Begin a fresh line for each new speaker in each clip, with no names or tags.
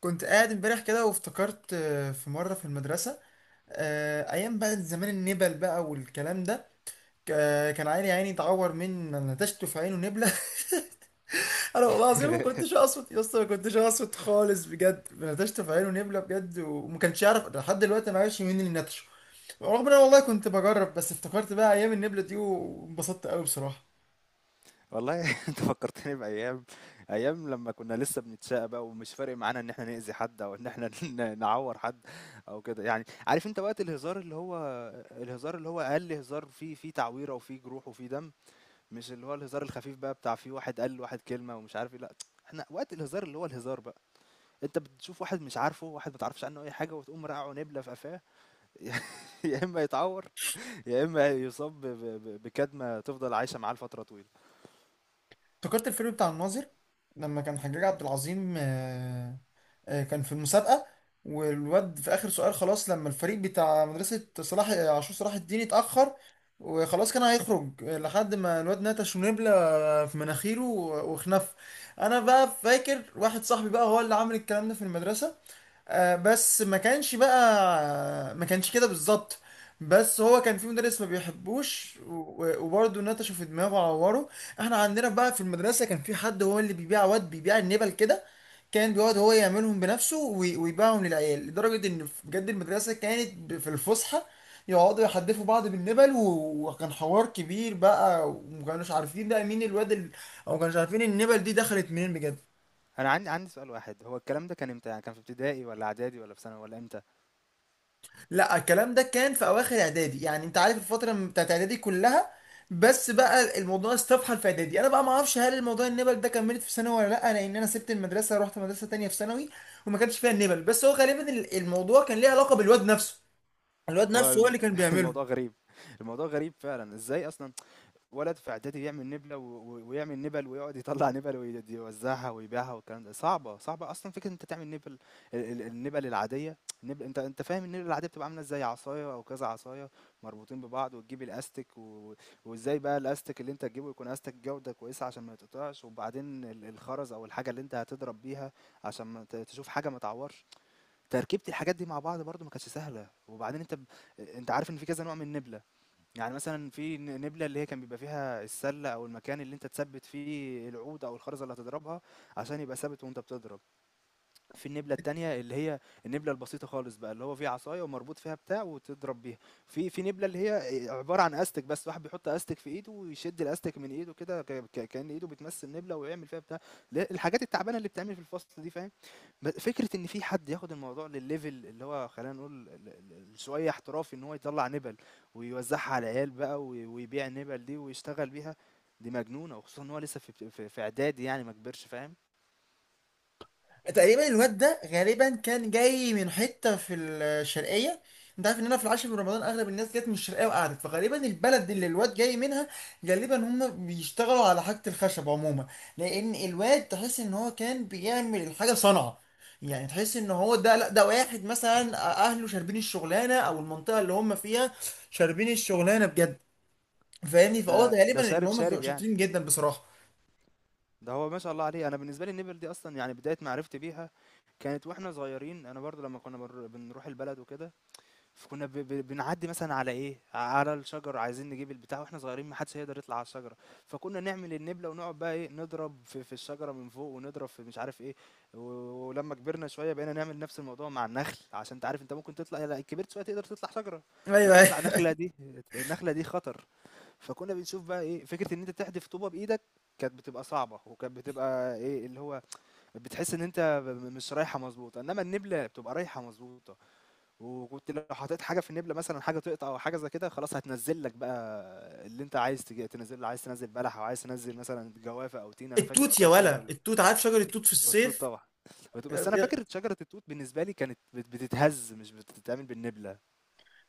كنت قاعد امبارح كده وافتكرت في مرة في المدرسة. أيام بقى زمان النبل بقى والكلام ده. كان عيني عيني اتعور من نتشته في عينه نبلة. أنا والله العظيم ما كنتش أقصد يا اسطى، ما كنتش أقصد خالص، بجد نتشته في عينه نبلة بجد، وما كانش يعرف لحد دلوقتي أنا عايش، مين اللي نتشه. رغم إن أنا والله كنت بجرب، بس افتكرت بقى أيام النبلة دي وانبسطت قوي بصراحة.
والله انت فكرتني بايام لما كنا لسه بنتشقى بقى ومش فارق معانا ان احنا نأذي حد او ان احنا نعور حد او كده. يعني عارف انت وقت الهزار اللي هو اقل هزار فيه تعويره وفيه جروح وفيه دم، مش اللي هو الهزار الخفيف بقى بتاع فيه واحد قال واحد كلمه ومش عارف ايه. لا، احنا وقت الهزار اللي هو الهزار بقى، انت بتشوف واحد مش عارفه، واحد ما تعرفش عنه اي حاجه، وتقوم رقعه نبله في قفاه. يا اما يتعور، يا اما يصاب بكدمه تفضل عايشه معاه لفتره طويله.
افتكرت الفيلم بتاع الناظر لما كان حجاج عبد العظيم كان في المسابقة. والواد في آخر سؤال خلاص لما الفريق بتاع مدرسة صلاح عاشور صلاح الدين اتأخر. وخلاص كان هيخرج لحد ما الواد نتش ونبلة في مناخيره وخنف. أنا بقى فاكر واحد صاحبي بقى هو اللي عامل الكلام ده في المدرسة، بس ما كانش كده بالظبط. بس هو كان في مدرس ما بيحبوش وبرضه نتشه في دماغه وعوره. احنا عندنا بقى في المدرسة كان في حد هو اللي بيبيع، واد بيبيع النبل كده. كان بيقعد هو يعملهم بنفسه ويبيعهم للعيال، لدرجة ان بجد المدرسة كانت في الفسحة يقعدوا يحدفوا بعض بالنبل، وكان حوار كبير بقى، وما كانوش عارفين بقى مين او ما كانوش عارفين النبل دي دخلت منين بجد.
انا عندي سؤال واحد، هو الكلام ده كان امتى؟ يعني كان في ابتدائي ولا اعدادي ولا في ثانوي ولا امتى؟
لا، الكلام ده كان في اواخر اعدادي، يعني انت عارف الفتره بتاعت اعدادي كلها. بس بقى الموضوع استفحل في اعدادي، انا بقى ما اعرفش هل الموضوع النبل ده كملت في ثانوي ولا لا، لان انا سبت المدرسه رحت مدرسه تانية في ثانوي. وما كانش فيها النبل، بس هو غالبا الموضوع كان ليه علاقه بالواد نفسه. الواد
هو
نفسه هو اللي كان بيعمله.
الموضوع غريب. الموضوع غريب فعلا، ازاي اصلا ولد في اعدادي يعمل نبله ويعمل نبل ويقعد يطلع نبل ويوزعها ويبيعها؟ والكلام ده صعبه صعبه اصلا، فكره إن انت تعمل نبل. النبل العاديه، النبل، انت فاهم النبل العاديه بتبقى عامله ازاي؟ عصايه او كذا عصايه مربوطين ببعض، وتجيب الاستك وازاي بقى الاستك اللي انت تجيبه يكون استك جوده كويسه عشان ما يتقطعش، وبعدين الخرز او الحاجه اللي انت هتضرب بيها عشان ما تشوف حاجه ما تعورش. تركيبه الحاجات دي مع بعض برضو ما كانتش سهله. وبعدين انت انت عارف ان في كذا نوع من النبله. يعني مثلًا في نبلة اللي هي كان بيبقى فيها السلة أو المكان اللي أنت تثبّت فيه العود أو الخرزة اللي هتضربها عشان يبقى ثابت وأنت بتضرب. في النبلة التانية اللي هي النبلة البسيطة خالص بقى، اللي هو فيه عصاية ومربوط فيها بتاع وتضرب بيها. في في نبلة اللي هي عبارة عن استك بس، واحد بيحط استك في ايده ويشد الاستك من ايده كده، كأن ايده بتمس النبلة ويعمل فيها بتاع. لا، الحاجات التعبانة اللي بتعمل في الفصل دي، فاهم؟ فكرة ان في حد ياخد الموضوع للليفل اللي هو، خلينا نقول شوية احترافي، ان هو يطلع نبل ويوزعها على العيال بقى ويبيع النبل دي ويشتغل بيها، دي مجنونة. وخصوصا ان هو لسه في اعدادي يعني ما كبرش، فاهم؟
تقريبا الواد ده غالبا كان جاي من حته في الشرقيه. انت عارف ان انا في العاشر من رمضان اغلب الناس جت من الشرقيه وقعدت، فغالبا البلد اللي الواد جاي منها غالبا هم بيشتغلوا على حاجه الخشب عموما. لان الواد تحس ان هو كان بيعمل الحاجه بصنعه، يعني تحس ان هو ده، لا ده واحد مثلا اهله شاربين الشغلانه، او المنطقه اللي هم فيها شاربين الشغلانه بجد. فاهمني،
ده
فهو
ده
غالبا ان
شارب
هم
شارب يعني،
شاطرين جدا بصراحه.
ده هو ما شاء الله عليه. انا بالنسبه لي النبل دي اصلا، يعني بدايه معرفتي بيها كانت واحنا صغيرين. انا برضو لما كنا بنروح البلد وكده، فكنا بنعدي مثلا على ايه، على الشجر، عايزين نجيب البتاع واحنا صغيرين ما حدش هيقدر يطلع على الشجره، فكنا نعمل النبله ونقعد بقى ايه، نضرب في الشجره من فوق ونضرب في مش عارف ايه و... ولما كبرنا شويه بقينا نعمل نفس الموضوع مع النخل، عشان انت عارف انت ممكن تطلع، لا كبرت شويه تقدر تطلع شجره، بس
ايوه.
تطلع نخله دي، النخله دي خطر. فكنا بنشوف بقى إيه، فكرة إن أنت تحدف طوبة بإيدك كانت بتبقى صعبة، وكانت بتبقى إيه، اللي هو بتحس إن أنت ب م مش رايحة مضبوطة، إنما النبلة بتبقى رايحة مضبوطة، وكنت لو حطيت حاجة في النبلة مثلًا، حاجة تقطع أو حاجة زي كده، خلاص هتنزّل لك بقى اللي أنت عايز تنزّله، عايز تنزّل بلح أو عايز تنزّل مثلًا جوافة أو تين. أنا فاكر
التوت
وقتها
يا
الشجر
ولا،
ال
التوت عارف، شجر التوت في
والتوت
الصيف.
طبعًا، بس أنا فاكر شجرة التوت بالنسبة لي كانت بتتهز مش بتتعمل بالنبلة.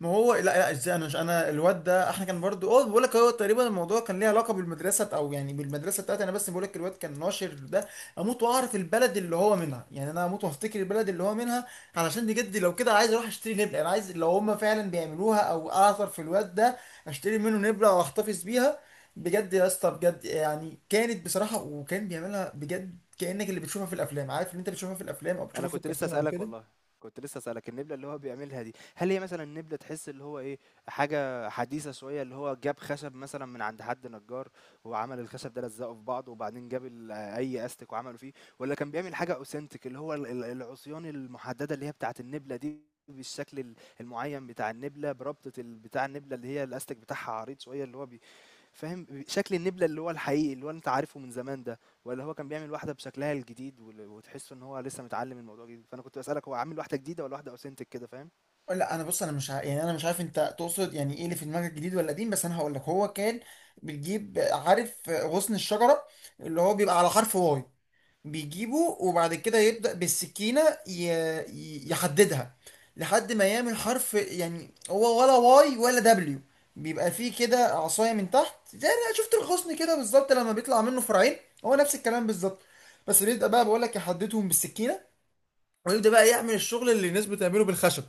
ما هو لا لا، ازاي؟ انا مش، انا الواد ده احنا كان برضو، اه بقول لك، هو تقريبا الموضوع كان ليه علاقه بالمدرسه او يعني بالمدرسه بتاعتي انا، بس بقول لك الواد كان ناشر ده. اموت واعرف البلد اللي هو منها، يعني انا اموت وافتكر البلد اللي هو منها. علشان بجد لو كده عايز اروح اشتري نبله، انا عايز لو هم فعلا بيعملوها او اعثر في الواد ده، اشتري منه نبله واحتفظ بيها. بجد يا اسطى بجد، يعني كانت بصراحه، وكان بيعملها بجد كانك اللي بتشوفها في الافلام، عارف اللي انت بتشوفها في الافلام او
انا
بتشوفها في
كنت لسه
الكرتون او
اسالك
كده.
والله، كنت لسه اسالك النبله اللي هو بيعملها دي، هل هي مثلا نبله تحس اللي هو ايه، حاجه حديثه شويه اللي هو جاب خشب مثلا من عند حد نجار وعمل الخشب ده لزقه في بعضه، وبعدين جاب اي استك وعمله فيه، ولا كان بيعمل حاجه اوثنتيك اللي هو العصيان المحدده اللي هي بتاعه النبله دي، بالشكل المعين بتاع النبله، بربطه بتاع النبله اللي هي الاستك بتاعها عريض شويه اللي هو، فاهم شكل النبلة اللي هو الحقيقي اللي هو أنت عارفه من زمان ده، ولا هو كان بيعمل واحدة بشكلها الجديد وتحس إن هو لسه متعلم الموضوع جديد؟ فأنا كنت بسألك هو عامل واحدة جديدة ولا واحدة أوثنتك كده، فاهم؟
لا، انا بص، انا مش يعني انا مش عارف انت تقصد يعني ايه اللي في دماغك، جديد ولا قديم، بس انا هقول لك هو كان بتجيب، عارف غصن الشجره اللي هو بيبقى على حرف واي. بيجيبه وبعد كده يبدا بالسكينه ي... يحددها لحد ما يعمل حرف، يعني هو ولا واي ولا دبليو. بيبقى فيه كده عصايه من تحت، زي انا شفت الغصن كده بالظبط لما بيطلع منه فرعين، هو نفس الكلام بالظبط. بس بيبدا بقى، بقول لك يحددهم بالسكينه، ويبدا بقى يعمل الشغل اللي الناس بتعمله بالخشب.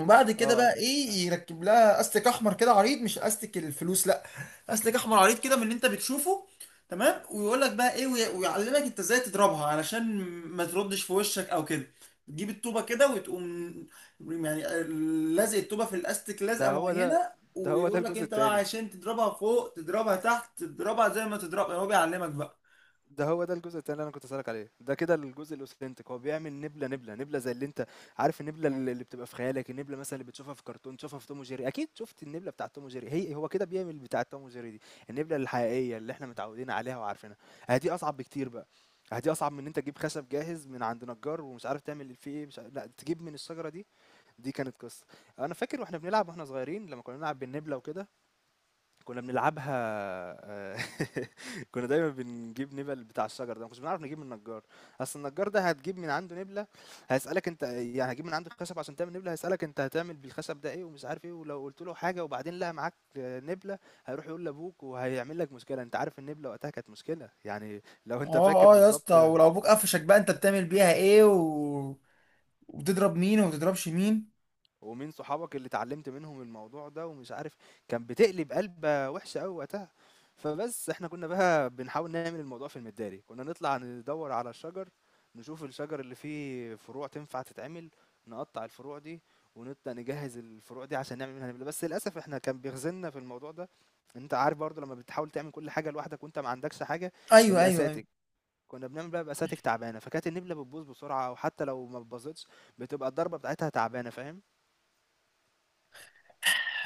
وبعد كده
اه
بقى
أنا،
ايه، يركب لها استك احمر كده عريض، مش استك الفلوس، لا، استك احمر عريض كده من اللي انت بتشوفه. تمام، ويقول لك بقى ايه ويعلمك انت ازاي تضربها علشان ما تردش في وشك او كده. تجيب الطوبه كده وتقوم، يعني لازق الطوبه في الاستك
ده
لازقه
هو ده،
معينه،
ده هو ده
ويقول لك
الجزء
انت بقى
التاني
عشان تضربها فوق تضربها تحت تضربها، زي ما تضربها هو بيعلمك بقى.
ده هو ده الجزء التاني اللي انا كنت اسالك عليه. ده كده الجزء الاوثنتيك، هو بيعمل نبله نبله نبله زي اللي انت عارف، النبله اللي بتبقى في خيالك، النبله مثلا اللي بتشوفها في كرتون، تشوفها في توم وجيري، اكيد شفت النبله بتاعه توم وجيري، هي هو كده بيعمل بتاعه توم وجيري دي، النبله الحقيقيه اللي احنا متعودين عليها وعارفينها. آه دي اصعب بكتير بقى، آه دي اصعب من ان انت تجيب خشب جاهز من عند نجار ومش عارف تعمل فيه ايه مش عارف، لا تجيب من الشجره دي. دي كانت قصه. انا فاكر واحنا بنلعب واحنا صغيرين، لما كنا بنلعب بالنبله وكده، كنا بنلعبها آه، كنا دايما بنجيب نبل بتاع الشجر ده، ما كناش بنعرف نجيب من النجار، اصل النجار ده هتجيب من عنده نبله؟ هيسالك انت يعني هتجيب من عنده خشب عشان تعمل نبله؟ هيسالك انت هتعمل بالخشب ده ايه ومش عارف ايه، ولو قلت له حاجه وبعدين لقى معاك آه، نبله، هيروح يقول لابوك وهيعمل لك مشكله. انت عارف النبله وقتها كانت مشكله يعني، لو انت
اه
فاكر
اه يا اسطى،
بالظبط،
ولو ابوك قفشك بقى انت بتعمل بيها ايه وبتضرب مين وما بتضربش مين.
ومين صحابك اللي اتعلمت منهم الموضوع ده ومش عارف، كان بتقلب قلبة وحشة قوي وقتها. فبس احنا كنا بقى بنحاول نعمل الموضوع في المداري، كنا نطلع ندور على الشجر، نشوف الشجر اللي فيه فروع تنفع تتعمل، نقطع الفروع دي ونبدأ نجهز الفروع دي عشان نعمل منها نبلة. بس للأسف احنا كان بيخزلنا في الموضوع ده، انت عارف برضو لما بتحاول تعمل كل حاجة لوحدك وانت ما عندكش حاجة،
ايوه ايوه ايوه.
الأساتك، كنا بنعمل بقى بأساتك تعبانة، فكانت النبلة بتبوظ بسرعة، وحتى لو ما بتبوظتش بتبقى الضربة بتاعتها تعبانة، فاهم؟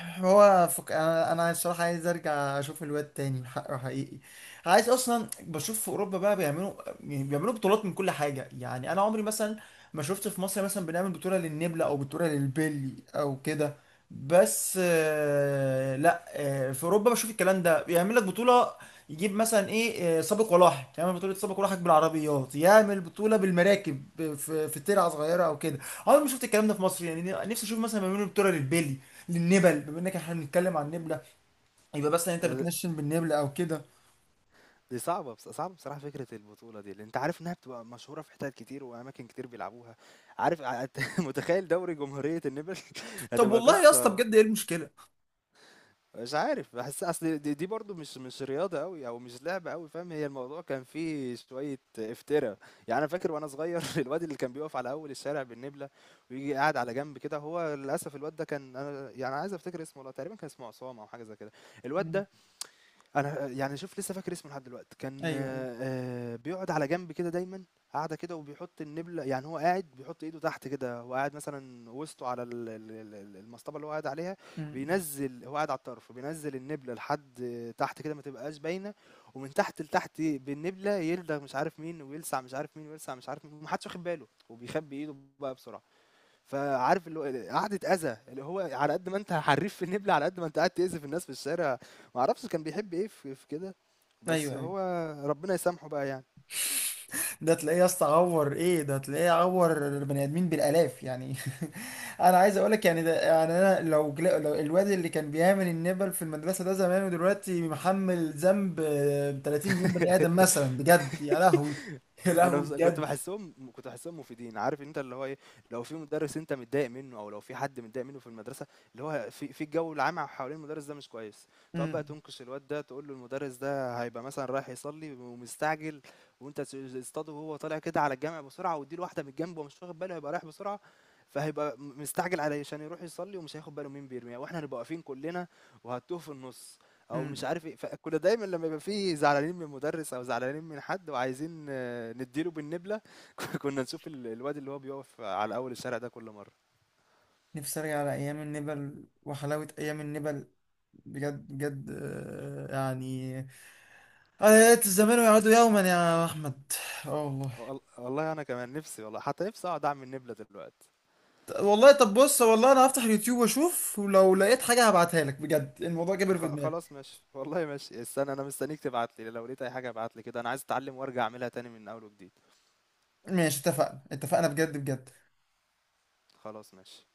هو أنا الصراحه عايز ارجع اشوف الواد تاني حقه حقيقي. عايز اصلا بشوف في اوروبا بقى بيعملوا، يعني بيعملوا بطولات من كل حاجه، يعني انا عمري مثلا ما شفت في مصر مثلا بنعمل بطوله للنبله او بطوله للبلي او كده. بس آه، لا آه، في اوروبا بشوف الكلام ده بيعمل لك بطوله. يجيب مثلا ايه سابق ولاحق، يعمل بطوله سابق ولاحق بالعربيات، يعمل بطوله بالمراكب في ترعه صغيره او كده. عمري ما شفت الكلام ده في مصر، يعني نفسي اشوف مثلا بيعملوا بطوله للبلي، للنبل بما انك احنا بنتكلم عن النبله، يبقى مثلا انت بتنشن بالنبله او كده.
دي صعبة، بص صعبة بصراحة فكرة البطولة دي، لأن أنت عارف إنها بتبقى مشهورة في حتت كتير وأماكن كتير بيلعبوها، عارف متخيل دوري جمهورية النمل؟
طب
هتبقى
والله يا اسطى
قصة.
بجد ايه المشكله؟
مش عارف، بحس أصل دي برضو مش رياضة أوي أو مش لعبة أوي، فاهم؟ هي الموضوع كان فيه شوية افتراء، يعني أنا فاكر وأنا صغير الواد اللي كان بيقف على أول الشارع بالنبلة ويجي قاعد على جنب كده، هو للأسف الواد ده كان، أنا يعني عايز أفتكر اسمه والله، تقريبا كان اسمه عصام أو حاجة زي كده، الواد
مم.
ده أنا يعني شوف لسه فاكر اسمه لحد دلوقتي، كان
ايوه ايوه.
بيقعد على جنب كده دايمًا، قاعدة كده وبيحط النبلة، يعني هو قاعد بيحط إيده تحت كده، هو قاعد مثلًا وسطه على ال ال ال ال المصطبة اللي هو قاعد عليها،
مم.
بينزّل، هو قاعد على الطرف، بينزّل النبلة لحد تحت كده ما تبقاش باينة، ومن تحت لتحت بالنبلة يلدغ مش عارف مين، ويلسع مش عارف مين، ويلسع مش عارف مين، وما حدش واخد باله، وبيخبّي إيده بقى بسرعة. فعارف اللي هو قعدة أذى، اللي هو على قد ما أنت حريف في النبل، على قد ما أنت قاعد تأذي في الناس في الشارع، ما أعرفش كان بيحب إيه في كده، بس
ايوه ايوه.
هو ربنا يسامحه بقى يعني.
ده تلاقيه يا اسطى عور ايه، ده تلاقيه عور البني ادمين بالالاف يعني. انا عايز اقول لك يعني، ده يعني انا لو، لو الواد اللي كان بيعمل النبل في المدرسه ده زمان ودلوقتي محمل ذنب 30 مليون بني ادم مثلا بجد، يا لهوي. يا
انا
لهوي
بس كنت
بجد.
بحسهم، كنت بحسهم مفيدين، عارف انت اللي هو ايه، لو في مدرس انت متضايق منه او لو في حد متضايق منه في المدرسه، اللي هو في الجو العام حوالين المدرس ده مش كويس، تقعد بقى
مم.
تنكش الواد ده تقول له المدرس ده هيبقى مثلا رايح يصلي ومستعجل، وانت تصطاده وهو طالع كده على الجامع بسرعه، واديله واحده من الجنب ومش واخد باله، هيبقى رايح بسرعه، فهيبقى مستعجل علشان يروح يصلي، ومش هياخد باله مين بيرميها، واحنا هنبقى واقفين كلنا وهتوه في النص او
مم.
مش عارف ايه. فكنا دايما لما يبقى فيه زعلانين من مدرس او زعلانين من حد، وعايزين آه، نديله بالنبله، كنا نشوف الواد اللي هو بيقف على اول الشارع ده كل مره.
نفسي ارجع على ايام النبل وحلاوه ايام النبل، بجد بجد يعني انا يا ليت الزمان يعود يوما يا احمد. اه والله.
والله انا كمان نفسي والله، حتى نفسي اقعد اعمل نبله دلوقتي.
والله طب بص، والله انا هفتح اليوتيوب واشوف، ولو لقيت حاجة هبعتها لك بجد، الموضوع كبر في
خ-
دماغي.
خلاص ماشي والله، ماشي، استنى انا مستنيك تبعت لي، لو لقيت اي حاجه ابعت لي كده، انا عايز اتعلم وارجع اعملها تاني من اول وجديد.
ماشي، اتفقنا اتفقنا بجد بجد.
خلاص ماشي.